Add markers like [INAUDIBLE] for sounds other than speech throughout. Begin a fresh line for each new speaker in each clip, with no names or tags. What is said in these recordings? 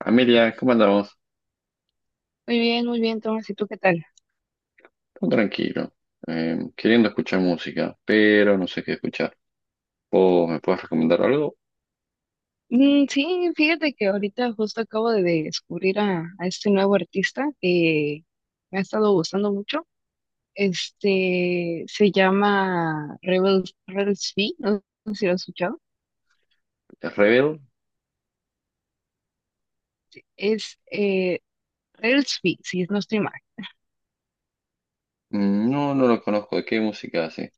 Amelia, ¿cómo andamos?
Muy bien, Tomás, ¿y tú qué tal?
Todo tranquilo, queriendo escuchar música, pero no sé qué escuchar. ¿Vos me puedes recomendar algo?
Sí, fíjate que ahorita justo acabo de descubrir a este nuevo artista que me ha estado gustando mucho. Este se llama Rebels, Rebels Fee, no sé si lo has escuchado.
¿Rebel?
Es Rebels Fee, si no estoy mal.
Mm, no, no lo conozco. ¿De qué música hace?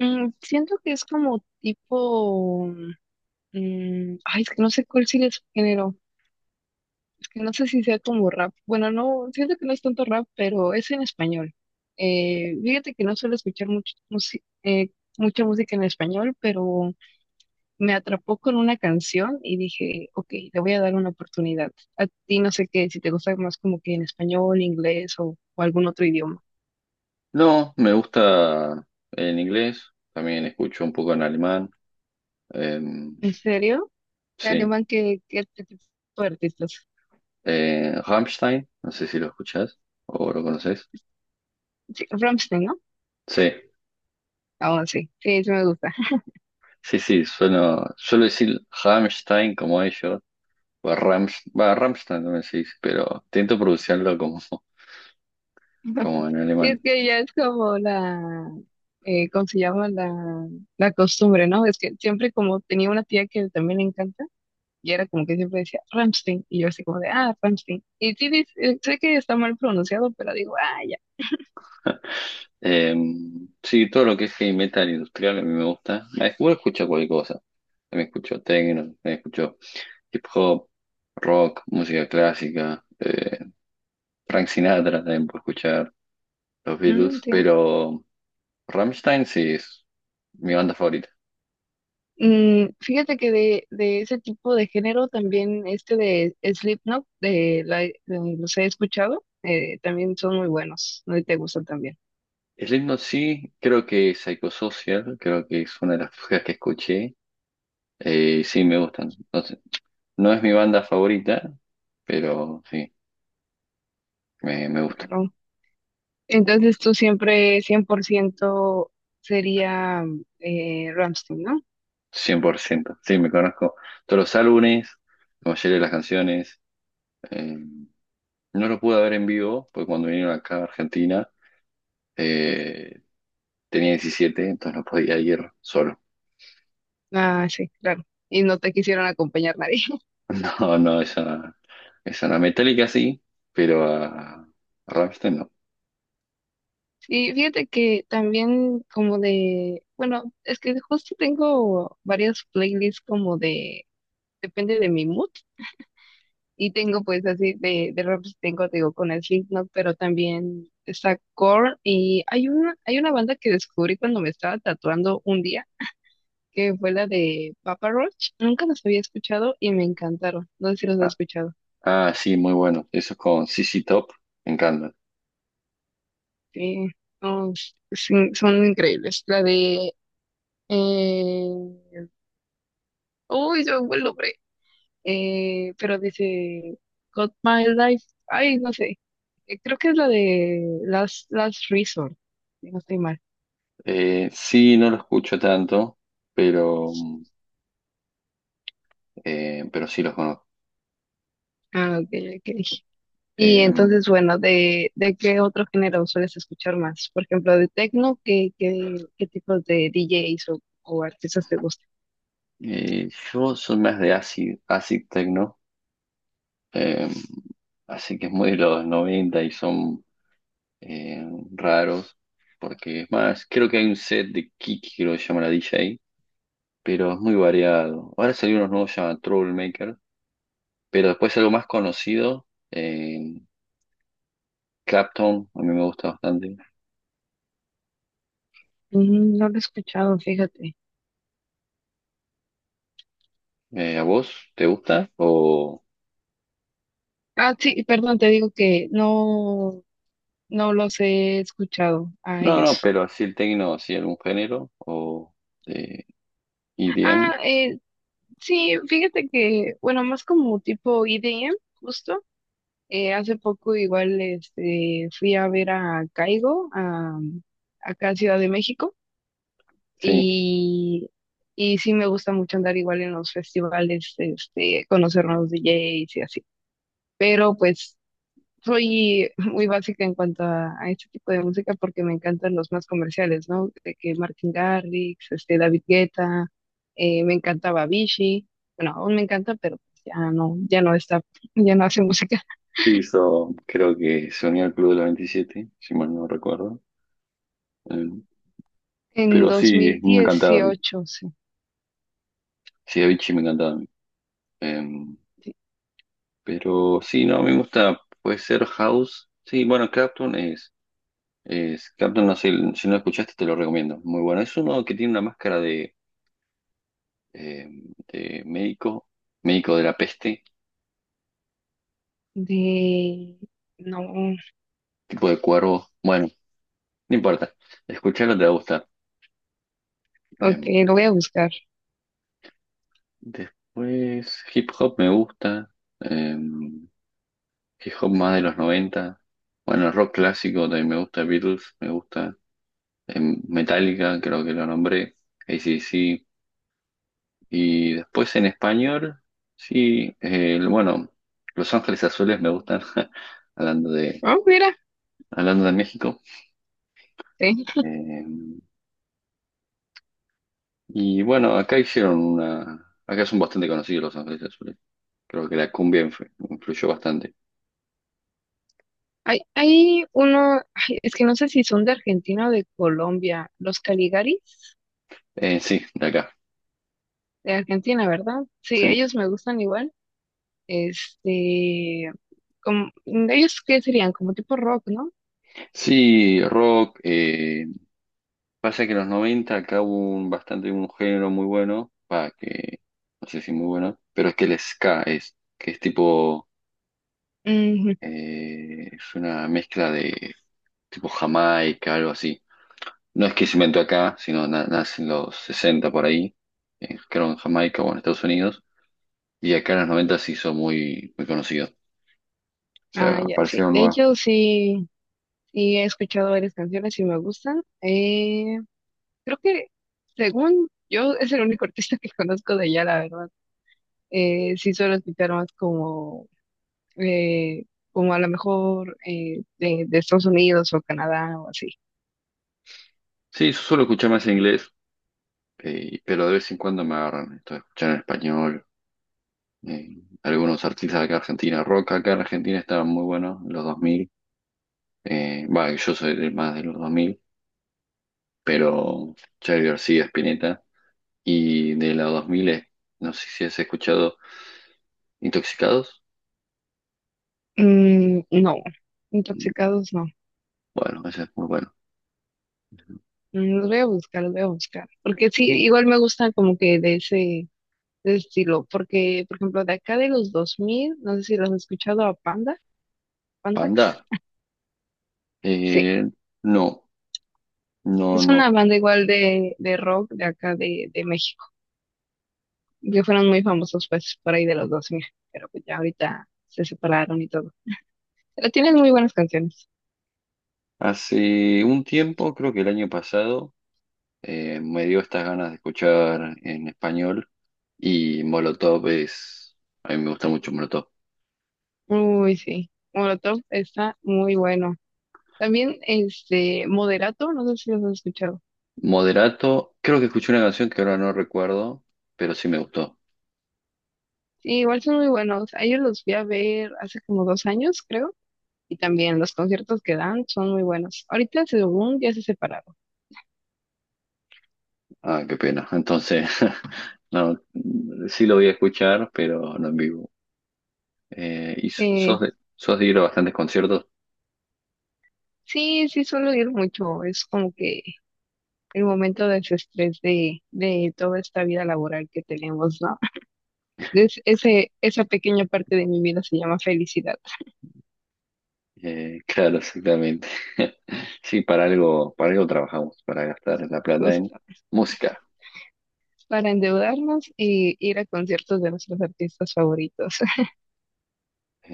Mm, siento que es como tipo. Ay, es que no sé cuál sigue su género. Es que no sé si sea como rap. Bueno, no, siento que no es tanto rap, pero es en español. Fíjate que no suelo escuchar mucha música en español, pero me atrapó con una canción y dije, ok, le voy a dar una oportunidad. A ti no sé qué, si te gusta más como que en español, inglés o algún otro idioma.
No, me gusta en inglés, también escucho un poco en alemán. em,
¿En serio? ¿De
sí,
alemán tipo de artistas?
Rammstein, no sé si lo escuchás o lo conoces.
Sí, Rammstein, ¿no?
Sí,
Ah, sí, sí, sí me gusta.
sí, sí, suelo decir Rammstein como ellos, o Rams, va, Rammstein también se dice, pero intento pronunciarlo como en
Sí, es
alemán.
que ya es como la, ¿cómo se llama? La costumbre, ¿no? Es que siempre como tenía una tía que también le encanta, y era como que siempre decía Ramstein, y yo así como de, ah, Ramstein. Y sí, sé que está mal pronunciado, pero digo, ah, ya.
[LAUGHS] Eh, sí, todo lo que es heavy metal industrial a mí me gusta. Igual escucho cualquier cosa. Me escucho techno, me escucho hip hop, rock, música clásica, Frank Sinatra también puedo escuchar, los
Mm,
Beatles,
sí.
pero Rammstein sí es mi banda favorita.
Mm, fíjate que de ese tipo de género también este de Slipknot, los he escuchado, también son muy buenos, no. Y te gustan también.
Slipknot sí, creo que Psychosocial, creo que es una de las cosas que escuché. Sí, me gustan. No sé, no es mi banda favorita, pero sí, me gusta.
Claro. Entonces tú siempre 100% sería Rammstein, ¿no?
100% sí, me conozco todos los álbumes, como de las canciones. Eh, no lo pude ver en vivo, porque cuando vinieron acá a Argentina eh, tenía 17 entonces no podía ir solo. [LAUGHS]
Ah, sí, claro. Y no te quisieron acompañar nadie. [LAUGHS]
No, no, esa no. Metallica sí, pero a Rammstein no.
Sí, fíjate que también como de, bueno, es que justo tengo varias playlists como de, depende de mi mood. Y tengo pues así de rap, tengo, te digo, con el Slipknot, pero también está Korn. Y hay una banda que descubrí cuando me estaba tatuando un día que fue la de Papa Roach. Nunca los había escuchado y me encantaron. No sé si los has
Ah,
escuchado.
ah, sí, muy bueno. Eso es con CC Top, me encanta.
Sí, no, sí, son increíbles. La de... Eh... Uy, yo me fue el nombre. Pero dice Got My Life. Ay, no sé. Creo que es la de Last Resort. Si no estoy mal.
Sí, no lo escucho tanto, pero, pero sí los conozco.
Ah, ok, ok. Y
Eh,
entonces, bueno, de qué otro género sueles escuchar más? Por ejemplo, de techno, qué tipos de DJs o artistas te gustan?
Yo soy más de acid, techno, eh, así que es muy de los 90 y son eh, raros, porque es más, creo que hay un set de Kiki, creo que se llama la DJ, pero es muy variado. Ahora salió unos nuevos, se llama Troublemaker, pero después algo más conocido, eh, Clapton, a mí me gusta bastante.
Mm, no lo he escuchado, fíjate.
¿A vos te gusta? O...
Ah, sí, perdón, te digo que no, no los he escuchado a
No, no,
ellos.
pero así el techno, así algún género, o de EDM,
Ah, eh, sí, fíjate que, bueno, más como tipo EDM, justo. Hace poco igual este, fui a ver a Caigo, a, acá a Ciudad de México.
sí,
Y, y sí me gusta mucho andar igual en los festivales, este, conocer nuevos DJs y así. Pero pues soy [LAUGHS] muy básica en cuanto a este tipo de música porque me encantan los más comerciales, ¿no? De que Martin Garrix, este, David Guetta, me encantaba Avicii. Bueno, aún me encanta, pero pues ya no, ya no está, [LAUGHS] ya no hace música.
sí hizo, creo que se unió al Club de la 27 si mal no recuerdo. Eh,
En
pero sí, me encantaba, Avicii.
2018, sí.
Sí, Avicii me encantaba a mí. Eh,
De...
pero sí, no, me gusta, puede ser House. Sí, bueno, Clapton es, Clapton, no sé, si no lo escuchaste te lo recomiendo, muy bueno. Es uno que tiene una máscara de, eh, de médico, médico de la peste,
de- No,
tipo de cuervo. Bueno, no importa, escucharlo te va a gustar. Eh,
ok, lo voy a buscar.
Después, hip hop me gusta. Eh, Hip hop más de los 90. Bueno, rock clásico, también me gusta Beatles, me gusta Metallica, creo que lo nombré, AC/DC. Y después en español, sí, bueno, Los Ángeles Azules me gustan, [LAUGHS] hablando de,
Oh, mira,
hablando de México.
sí.
Eh, y bueno, acá hicieron una, acá son bastante conocidos Los Ángeles Azules. Creo que la cumbia influyó bastante.
Hay uno, ay, es que no sé si son de Argentina o de Colombia, los Caligaris
Sí, de acá.
de Argentina, ¿verdad? Sí,
Sí,
ellos me gustan igual. Este, como, ellos qué serían, como tipo rock, ¿no?
sí, rock. Pasa que en los 90 acá hubo un, bastante un género muy bueno, va, que no sé si muy bueno, pero es que el ska es, que es tipo,
Ujú.
es una mezcla de tipo Jamaica, algo así. No es que se inventó acá, sino nace en los 60 por ahí, creo en Jamaica o en Estados Unidos, y acá en los 90 se hizo muy, muy conocido. O sea,
Ah, ya, sí.
aparecieron
De
nuevas.
hecho, sí, sí he escuchado varias canciones y me gustan. Creo que, según yo, es el único artista que conozco de allá, la verdad. Sí suelo escuchar más como eh, como a lo mejor de Estados Unidos o Canadá o así.
Sí, yo suelo escuchar más en inglés, pero de vez en cuando me agarran esto de escuchar en español eh, algunos artistas de acá de Argentina, rock acá en Argentina estaban muy buenos en los 2000, bah, yo soy del más de los 2000 pero Charly García, Spinetta, y de los 2000, no sé si has escuchado Intoxicados,
Mm, no, intoxicados no.
bueno, ese es muy bueno.
Los voy a buscar, los voy a buscar. Porque sí, igual me gusta como que de ese estilo. Porque, por ejemplo, de acá de los 2000 no sé si los has escuchado a Panda, Pandax.
Panda,
Sí,
eh, no, no,
es
no.
una banda igual de rock de acá de México. Que fueron muy famosos pues por ahí de los 2000. Pero pues ya ahorita se separaron y todo. Pero tienen muy buenas canciones.
Hace un tiempo, creo que el año pasado, me dio estas ganas de escuchar en español y a mí me gusta mucho Molotov.
Uy, sí. Molotov está muy bueno. También este Moderato, no sé si los has escuchado.
Moderato, creo que escuché una canción que ahora no recuerdo, pero sí me gustó.
Sí, igual son muy buenos. A ellos los fui a ver hace como dos años, creo. Y también los conciertos que dan son muy buenos. Ahorita según ya se separaron.
Ah, qué pena. Entonces, [LAUGHS] no, sí lo voy a escuchar, pero no en vivo. Y sos
Eh,
de, sos de ir a bastantes conciertos.
sí, sí suelo ir mucho. Es como que el momento de desestrés de toda esta vida laboral que tenemos, ¿no? Es, ese, esa pequeña parte de mi vida se llama felicidad,
Claro, exactamente. [LAUGHS] Sí, para algo trabajamos, para gastar la
[LAUGHS]
plata en
justo.
música.
Para endeudarnos y ir a conciertos de nuestros artistas favoritos. [LAUGHS]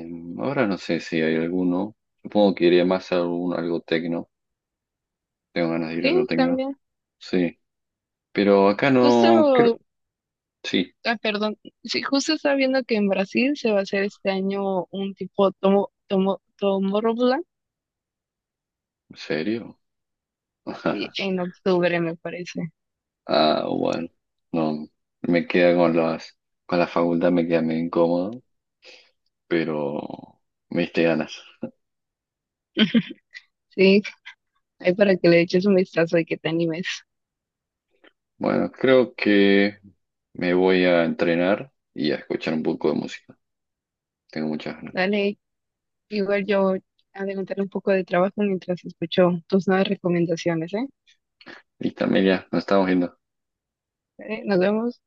Ahora no sé si hay alguno. Supongo que iría más a algún, algo tecno. Tengo ganas de ir a algo
Sí,
tecno.
también.
Sí. Pero acá
Justo,
no creo. Sí,
ah, perdón, sí, justo estaba viendo que en Brasil se va a hacer este año un tipo Tomorrowland,
¿en serio?
sí,
[LAUGHS]
en octubre me parece.
Ah, bueno, no, me queda con la facultad me queda medio incómodo, pero me diste ganas.
Sí, ahí para que le eches un vistazo y que te animes.
Bueno, creo que me voy a entrenar y a escuchar un poco de música. Tengo muchas ganas.
Dale, igual yo adelantaré un poco de trabajo mientras escucho tus nuevas recomendaciones, ¿eh?
Listo, Amelia, nos estamos viendo.
Dale, nos vemos.